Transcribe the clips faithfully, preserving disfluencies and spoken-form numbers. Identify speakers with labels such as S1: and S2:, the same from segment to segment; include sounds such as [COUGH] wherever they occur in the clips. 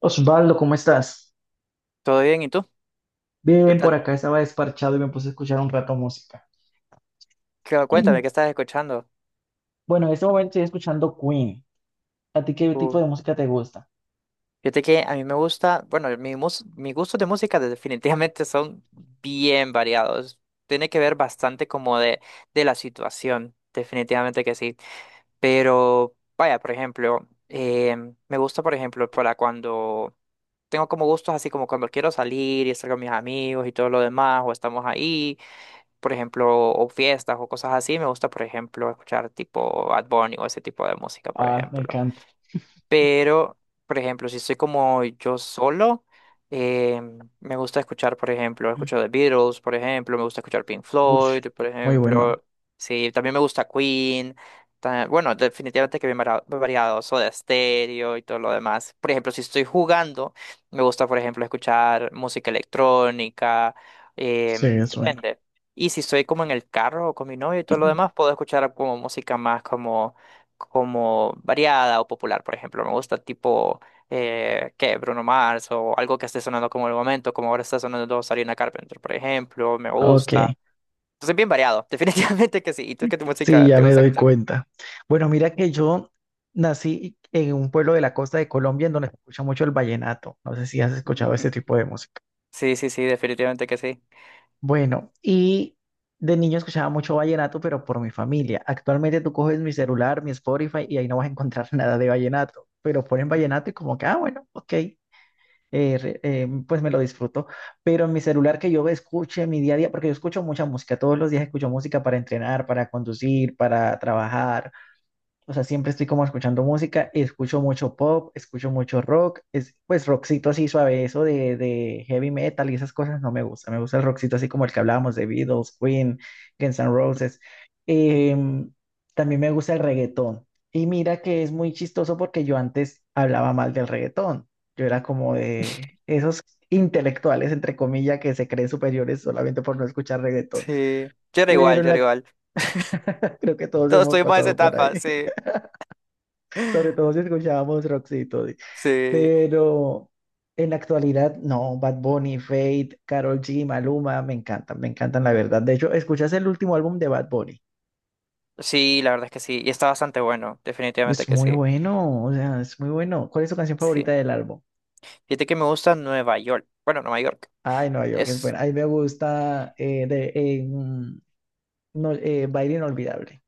S1: Osvaldo, ¿cómo estás?
S2: Todo bien, ¿y tú? ¿Qué
S1: Bien, por
S2: tal?
S1: acá estaba desparchado y me puse a escuchar un rato música. [LAUGHS]
S2: Cu- Cuéntame,
S1: Mm.
S2: ¿qué estás escuchando?
S1: Bueno, en este momento estoy escuchando Queen. ¿A ti qué
S2: Uh,
S1: tipo de música te gusta?
S2: fíjate que a mí me gusta, bueno, mi mus- mis gustos de música de- definitivamente son bien variados. Tiene que ver bastante como de, de la situación, definitivamente que sí. Pero, vaya, por ejemplo, em, me gusta, por ejemplo, para cuando tengo como gustos así como cuando quiero salir y estar con mis amigos y todo lo demás, o estamos ahí. Por ejemplo, o fiestas o cosas así, me gusta, por ejemplo, escuchar tipo Bad Bunny o ese tipo de música, por
S1: Ah, me
S2: ejemplo.
S1: encanta.
S2: Pero, por ejemplo, si estoy como yo solo, eh, me gusta escuchar, por ejemplo,
S1: Mm.
S2: escucho The Beatles, por ejemplo, me gusta escuchar Pink
S1: Uy,
S2: Floyd, por
S1: muy bueno.
S2: ejemplo. Sí, también me gusta Queen. ta- Bueno, definitivamente que bien vara- variado, Soda Stereo y todo lo demás. Por ejemplo, si estoy jugando, me gusta, por ejemplo, escuchar música electrónica,
S1: Sí,
S2: em,
S1: es bueno.
S2: depende. Y si estoy como en el carro o con mi novio y todo lo demás,
S1: [CLEARS THROAT]
S2: puedo escuchar como música más como como variada o popular, por ejemplo. Me gusta tipo, eh, ¿qué? Bruno Mars o algo que esté sonando como en el momento, como ahora está sonando Sarina Carpenter, por ejemplo. Me
S1: Ok,
S2: gusta. Entonces, bien variado, [LAUGHS] definitivamente que sí. ¿Y tú qué tu
S1: sí,
S2: música
S1: ya
S2: te
S1: me
S2: gusta
S1: doy
S2: escuchar?
S1: cuenta. Bueno, mira que yo nací en un pueblo de la costa de Colombia en donde se escucha mucho el vallenato. No sé si has escuchado
S2: Ujú.
S1: ese tipo de música.
S2: Sí, sí, sí, definitivamente que sí.
S1: Bueno, y de niño escuchaba mucho vallenato, pero por mi familia. Actualmente tú coges mi celular, mi Spotify, y ahí no vas a encontrar [LAUGHS] nada de vallenato. Pero ponen vallenato y como que, ah, bueno, ok, eh, re- eh, pues me lo disfruto. Pero en mi celular que yo escuche en mi día a día, porque yo escucho mucha música, todos los días escucho música para entrenar, para conducir, para trabajar. O sea, siempre estoy como escuchando música, escucho mucho pop, escucho mucho rock, es, pues rockcito así suave, eso de, de heavy metal y esas cosas no me gusta, me gusta el rockcito así como el que hablábamos de Beatles, Queen, Guns N' Roses. Em, también me gusta el reggaetón. Y mira que es muy chistoso porque yo antes hablaba mal del reggaetón, yo era como de esos intelectuales, entre comillas, que se creen superiores solamente por no escuchar reggaetón,
S2: Sí, yo era
S1: pero
S2: igual,
S1: en
S2: yo era
S1: la,
S2: igual. [LAUGHS]
S1: [LAUGHS] creo que todos
S2: Todos
S1: hemos
S2: estuvimos en esa
S1: pasado por
S2: etapa,
S1: ahí.
S2: sí.
S1: Sobre todo si escuchábamos Roxito. Di.
S2: Sí,
S1: Pero en la actualidad, no, Bad Bunny, Fate, Karol G, Maluma, me encantan, me encantan, la verdad. De hecho, ¿escuchas el último álbum de Bad Bunny?
S2: sí, la verdad es que sí. Y está bastante bueno, definitivamente
S1: Es
S2: que
S1: muy
S2: sí.
S1: bueno, o sea, es muy bueno. ¿Cuál es tu canción
S2: Sí.
S1: favorita del álbum?
S2: Fíjate que me gusta Nueva York. Bueno, Nueva York.
S1: Ay, Nueva York es
S2: Es
S1: buena. Ay, me gusta eh, de, eh, mm, no, eh, Baile Inolvidable.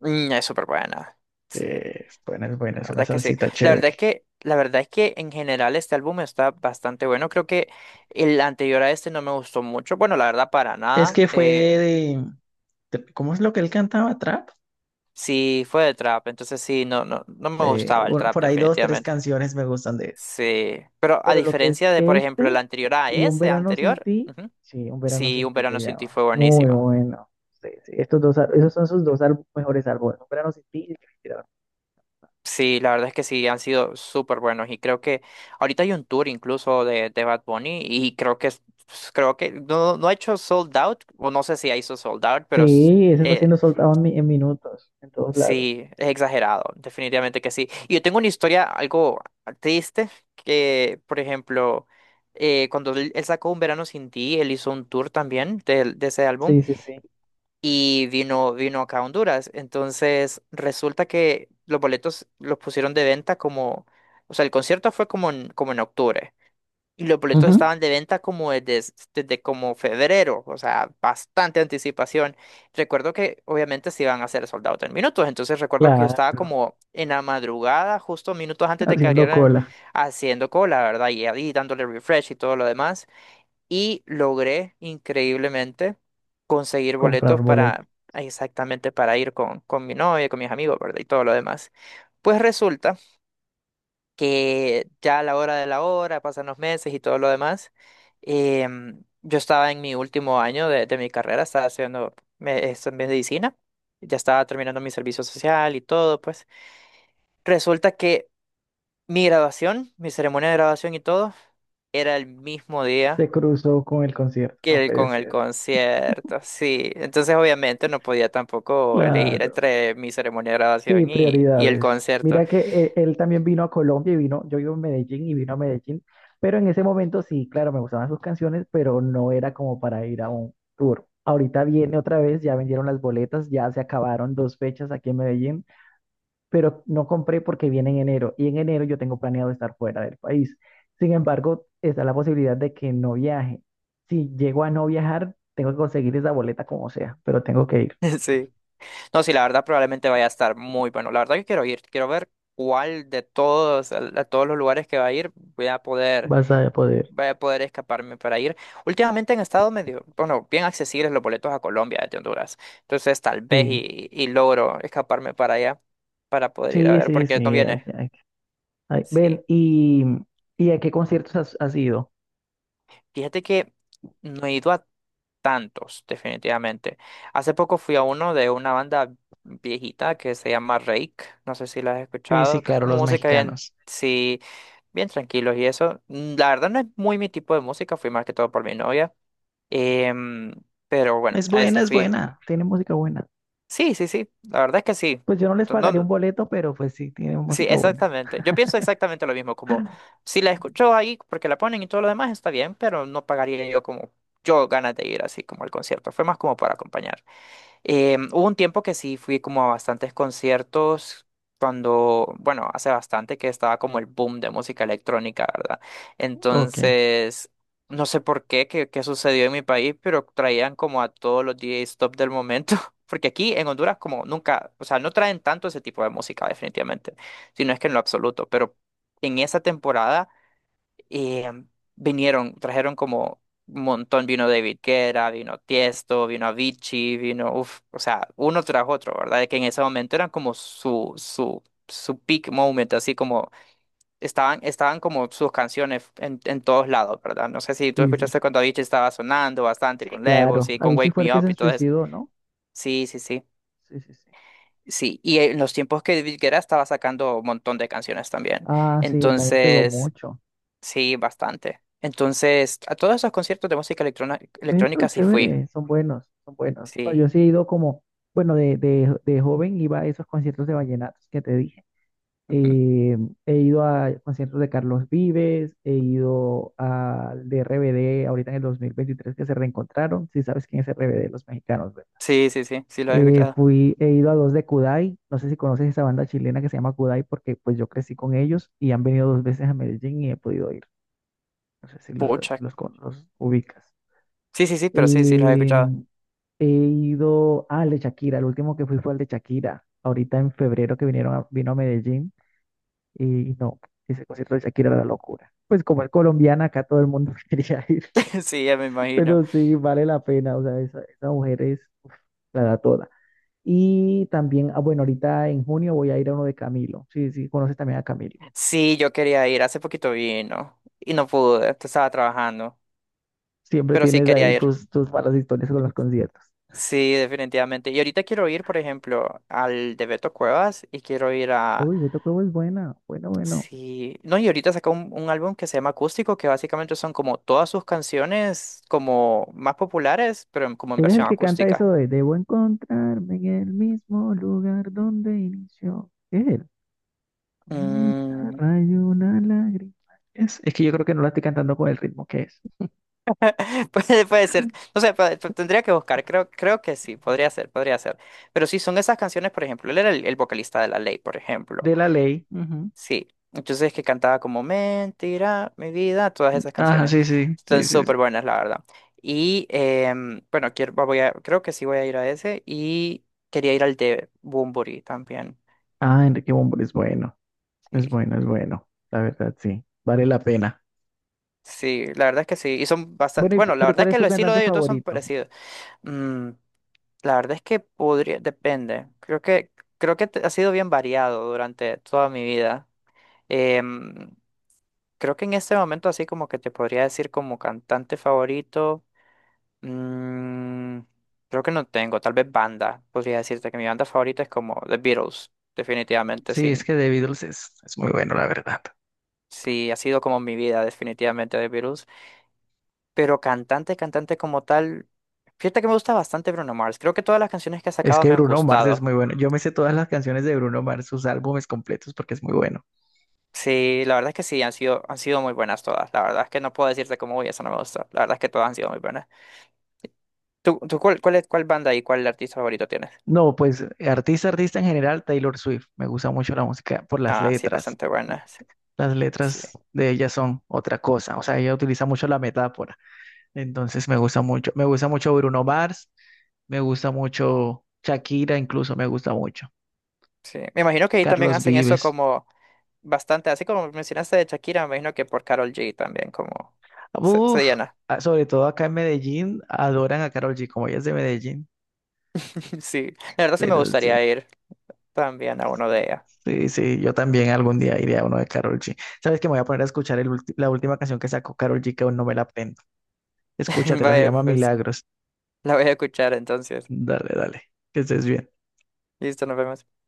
S2: Mm, es súper buena.
S1: Sí,
S2: Sí,
S1: es buena, es buena,
S2: la
S1: es una
S2: verdad que sí.
S1: salsita
S2: La verdad
S1: chévere.
S2: es que, la verdad es que en general este álbum está bastante bueno. Creo que el anterior a este no me gustó mucho. Bueno, la verdad, para
S1: Es
S2: nada.
S1: que fue
S2: Eh,
S1: de, de- ¿cómo es lo que él cantaba? ¿Trap?
S2: sí, fue de trap, entonces sí, no, no, no me
S1: Eh,
S2: gustaba el
S1: un-
S2: trap,
S1: por ahí dos, tres
S2: definitivamente.
S1: canciones me gustan de él.
S2: Sí. Pero a
S1: Pero lo que es
S2: diferencia de, por ejemplo, el
S1: este
S2: anterior a
S1: y Un
S2: ese
S1: verano sin
S2: anterior,
S1: ti,
S2: ujú,
S1: sí, Un verano
S2: sí,
S1: sin
S2: Un
S1: ti
S2: verano
S1: se
S2: sin ti
S1: llama.
S2: fue
S1: Muy
S2: buenísimo.
S1: bueno. Sí, sí, estos dos, al- esos son sus dos al- mejores álbumes. Un verano sin ti y El Respirador.
S2: Sí, la verdad es que sí, han sido súper buenos y creo que ahorita hay un tour incluso de, de Bad Bunny y creo que es- pues, creo que no, no ha hecho sold out o no sé si ha hecho sold out, pero s-
S1: Sí, ese está
S2: eh,
S1: siendo soltado en, mi- en minutos, en todos lados.
S2: sí, es exagerado, definitivamente que sí. Y yo tengo una historia algo triste que, por ejemplo, eh, cuando él, él sacó Un Verano Sin Ti, él hizo un tour también de, de ese álbum
S1: Sí, sí, sí.
S2: y vino, vino acá a Honduras. Entonces, resulta que los boletos los pusieron de venta como, o sea, el concierto fue como en, como en octubre. Y los boletos
S1: Ujú,
S2: estaban de venta como desde, desde como febrero, o sea, bastante anticipación. Recuerdo que obviamente se iban a hacer sold out en minutos, entonces recuerdo que yo estaba
S1: claro,
S2: como en la madrugada, justo minutos antes de que
S1: haciendo
S2: abrieran,
S1: cola,
S2: haciendo cola, ¿verdad? Y ahí dándole refresh y todo lo demás y logré increíblemente conseguir
S1: comprar
S2: boletos
S1: boleto.
S2: para exactamente para ir con, con mi novia, con mis amigos, ¿verdad? Y todo lo demás. Pues resulta que ya a la hora de la hora, pasan los meses y todo lo demás, em, yo estaba en mi último año de, de mi carrera, estaba estudiando me- esto en medicina, ya estaba terminando mi servicio social y todo, pues resulta que mi graduación, mi ceremonia de graduación y todo, era el mismo
S1: Se
S2: día
S1: cruzó con el concierto, no
S2: que el-
S1: puede
S2: con el
S1: ser.
S2: concierto, sí. Entonces, obviamente, no podía tampoco elegir
S1: Claro.
S2: entre mi ceremonia de
S1: Sí,
S2: graduación y, y el
S1: prioridades.
S2: concierto.
S1: Mira que eh, él también vino a Colombia y vino, yo vivo en Medellín y vino a Medellín, pero en ese momento sí, claro, me gustaban sus canciones, pero no era como para ir a un tour. Ahorita viene otra vez, ya vendieron las boletas, ya se acabaron dos fechas aquí en Medellín, pero no compré porque viene en enero y en enero yo tengo planeado estar fuera del país. Sin embargo, está la posibilidad de que no viaje. Si llego a no viajar, tengo que conseguir esa boleta como sea, pero tengo que ir.
S2: [LAUGHS] Sí. No, sí, la verdad, probablemente vaya a estar muy bueno. La verdad que quiero ir, quiero ver cuál de todos, a, a todos los lugares que va a ir, voy a poder,
S1: Vas a poder.
S2: voy a poder escaparme para ir. Últimamente han estado medio, bueno, bien accesibles los boletos a Colombia desde Honduras. Entonces, tal vez
S1: Sí.
S2: y, y logro escaparme para allá, para poder ir a
S1: Sí,
S2: ver,
S1: sí,
S2: porque no
S1: sí, hay,
S2: viene.
S1: ay, ven,
S2: Sí.
S1: ¿y, y a qué conciertos has, has ido?
S2: Fíjate que no he ido a tantos, definitivamente. Hace poco fui a uno de una banda viejita que se llama Rake, no sé si la has
S1: Sí, sí,
S2: escuchado, que es
S1: claro,
S2: como
S1: los
S2: música bien,
S1: mexicanos.
S2: sí, bien tranquilos y eso. Mm, la verdad no es muy mi tipo de música, fui más que todo por mi novia. Em, pero bueno,
S1: Es
S2: a
S1: buena,
S2: ese
S1: es
S2: fui.
S1: buena. Tienen música buena.
S2: Sí, sí, sí, la verdad es que sí.
S1: Pues yo no les
S2: No,
S1: pagaría un
S2: no-
S1: boleto, pero pues sí, tienen
S2: sí,
S1: música buena.
S2: exactamente. Yo pienso exactamente lo mismo, como si la escucho ahí porque la ponen y todo lo demás está bien, pero no pagaría yo como yo ganas de ir así como al concierto. Fue más como para acompañar. Eh, hubo un tiempo que sí fui como a bastantes conciertos cuando, bueno, hace bastante que estaba como el boom de música electrónica, ¿verdad?
S1: Ok.
S2: Entonces, no sé por qué, qué, qué sucedió en mi país, pero traían como a todos los D Js top del momento. [LAUGHS] Porque aquí en Honduras como nunca, o sea, no traen tanto ese tipo de música definitivamente, sino es que en lo absoluto, pero en esa temporada eh, vinieron, trajeron como un montón, vino David Guetta, vino Tiesto, vino Avicii, vino, uff, o sea, uno tras otro, ¿verdad? Que en ese momento eran como su, su, su peak moment, así como estaban, estaban como sus canciones en, en todos lados, ¿verdad? No sé si tú
S1: Sí, sí, sí.
S2: escuchaste cuando Avicii estaba sonando bastante
S1: Sí,
S2: con Levels
S1: claro.
S2: y con
S1: Avicii
S2: Wake
S1: fue el
S2: Me
S1: que
S2: Up
S1: se
S2: y todo eso.
S1: suicidó, ¿no?
S2: Sí, sí, sí.
S1: Sí, sí, sí.
S2: Sí, y en los tiempos que David Guetta estaba sacando un montón de canciones también.
S1: Ah, sí, él también pegó
S2: Entonces,
S1: mucho.
S2: sí, bastante. Entonces, a todos esos conciertos de música electrona-
S1: Ve, pero
S2: electrónica sí fui.
S1: chévere, son buenos, son buenos. No,
S2: Sí.
S1: yo sí he ido como, bueno, de, de, de joven iba a esos conciertos de vallenatos que te dije.
S2: [LAUGHS] Ujú.
S1: Eh, he ido a conciertos de Carlos Vives, he ido al de R B D ahorita en el dos mil veintitrés que se reencontraron, si sabes quién es R B D, los mexicanos, ¿verdad?
S2: Sí, sí, sí, sí los he
S1: Eh,
S2: escuchado.
S1: fui, he ido a dos de Kudai, no sé si conoces esa banda chilena que se llama Kudai porque pues yo crecí con ellos y han venido dos veces a Medellín y he podido ir, no sé si los,
S2: Pucha.
S1: los, con- los ubicas.
S2: Sí, sí, sí, pero sí, sí los he escuchado.
S1: Em, he ido al de Shakira, el último que fui fue al de Shakira, ahorita en febrero que vinieron a- vino a Medellín. Y no, ese concierto de Shakira era la locura. Pues como es colombiana, acá todo el mundo [LAUGHS] quería ir,
S2: [LAUGHS] Sí, ya me imagino.
S1: pero sí, vale la pena, o sea, esa, esa mujer es la da toda. Y también, ah, bueno, ahorita en junio voy a ir a uno de Camilo, sí, sí, conoces también a Camilo.
S2: Sí, yo quería ir. Hace poquito vino y no pude, estaba trabajando,
S1: Siempre
S2: pero sí
S1: tienes ahí
S2: quería ir.
S1: tus, tus malas historias con los conciertos.
S2: Sí, definitivamente. Y ahorita quiero ir, por ejemplo, al de Beto Cuevas y quiero ir a
S1: Uy, Beto Cuevo es buena, bueno, bueno.
S2: sí, no, y ahorita sacó un, un álbum que se llama Acústico, que básicamente son como todas sus canciones como más populares, pero en- como en
S1: Eres el
S2: versión
S1: que canta
S2: acústica.
S1: eso de debo encontrarme en el mismo lugar donde inició. ¿Es él bonita,
S2: Mm,
S1: rayo, una lágrima. Es, es que yo creo que no la estoy cantando con el ritmo que es.
S2: [LAUGHS] puede, puede ser, no sé, puede- pu- tendría que buscar, creo, creo que sí, podría ser, podría ser. Pero sí, son esas canciones, por ejemplo, él era el, el vocalista de La Ley, por ejemplo.
S1: De la ley. Ujú.
S2: Sí, entonces es que cantaba como Mentira, mi vida, todas esas
S1: Ajá,
S2: canciones.
S1: sí, sí,
S2: Están
S1: sí, sí, sí.
S2: súper buenas, la verdad. Y em, bueno, quiero, voy a, creo que sí voy a ir a ese y quería ir al de Bunbury también.
S1: Ah, Enrique Bunbury es bueno, es
S2: Sí,
S1: bueno, es bueno. La verdad, sí, vale la pena.
S2: sí, la verdad es que sí. Y son bastante,
S1: Bueno, y-
S2: bueno, la
S1: pero
S2: verdad
S1: ¿cuál
S2: es
S1: es
S2: que el
S1: tu
S2: estilo
S1: cantante
S2: de ellos dos son
S1: favorito?
S2: parecidos. Mm, la verdad es que podría, depende. Creo que, creo que te- ha sido bien variado durante toda mi vida. Em, creo que en este momento así como que te podría decir como cantante favorito. Mm, creo que no tengo, tal vez banda. Podría decirte que mi banda favorita es como The Beatles, definitivamente,
S1: Sí, es
S2: sin,
S1: que The Beatles es, es muy bueno, la verdad.
S2: sí, ha sido como mi vida, definitivamente The Beatles. Pero cantante, cantante como tal, fíjate que me gusta bastante Bruno Mars. Creo que todas las canciones que ha
S1: Es
S2: sacado
S1: que
S2: me han
S1: Bruno Mars es
S2: gustado.
S1: muy bueno. Yo me sé todas las canciones de Bruno Mars, sus álbumes completos, porque es muy bueno.
S2: Sí, la verdad es que sí, han sido, han sido muy buenas todas. La verdad es que no puedo decirte como, uy, esa no me gusta. La verdad es que todas han sido muy buenas. ¿Tú, tú cuál, cuál, es- cuál banda y cuál artista favorito tienes?
S1: No, pues artista, artista en general, Taylor Swift. Me gusta mucho la música por las
S2: Ah, sí,
S1: letras.
S2: bastante buena. Sí,
S1: Las
S2: sí.
S1: letras de ella son otra cosa. O sea, ella utiliza mucho la metáfora. Entonces me gusta mucho. Me gusta mucho Bruno Mars. Me gusta mucho Shakira, incluso me gusta mucho.
S2: Sí. Me imagino que ahí también
S1: Carlos
S2: hacen eso
S1: Vives.
S2: como bastante, así como mencionaste de Shakira, me imagino que por Carol G también como se, se
S1: Uf,
S2: llena.
S1: ah, sobre todo acá en Medellín, adoran a Karol G, como ella es de Medellín.
S2: [LAUGHS] Sí, la verdad sí me
S1: Pero sí,
S2: gustaría ir también a uno de ella.
S1: sí, sí, yo también algún día iré a uno de Karol G. ¿Sabes que me voy a poner a escuchar el ulti- la última canción que sacó Karol G, que aún no me la aprendo?
S2: [LAUGHS]
S1: Escúchatela, se
S2: Vaya,
S1: llama
S2: pues
S1: Milagros.
S2: la voy a escuchar entonces.
S1: Dale, dale, que estés bien.
S2: Listo, nos vemos.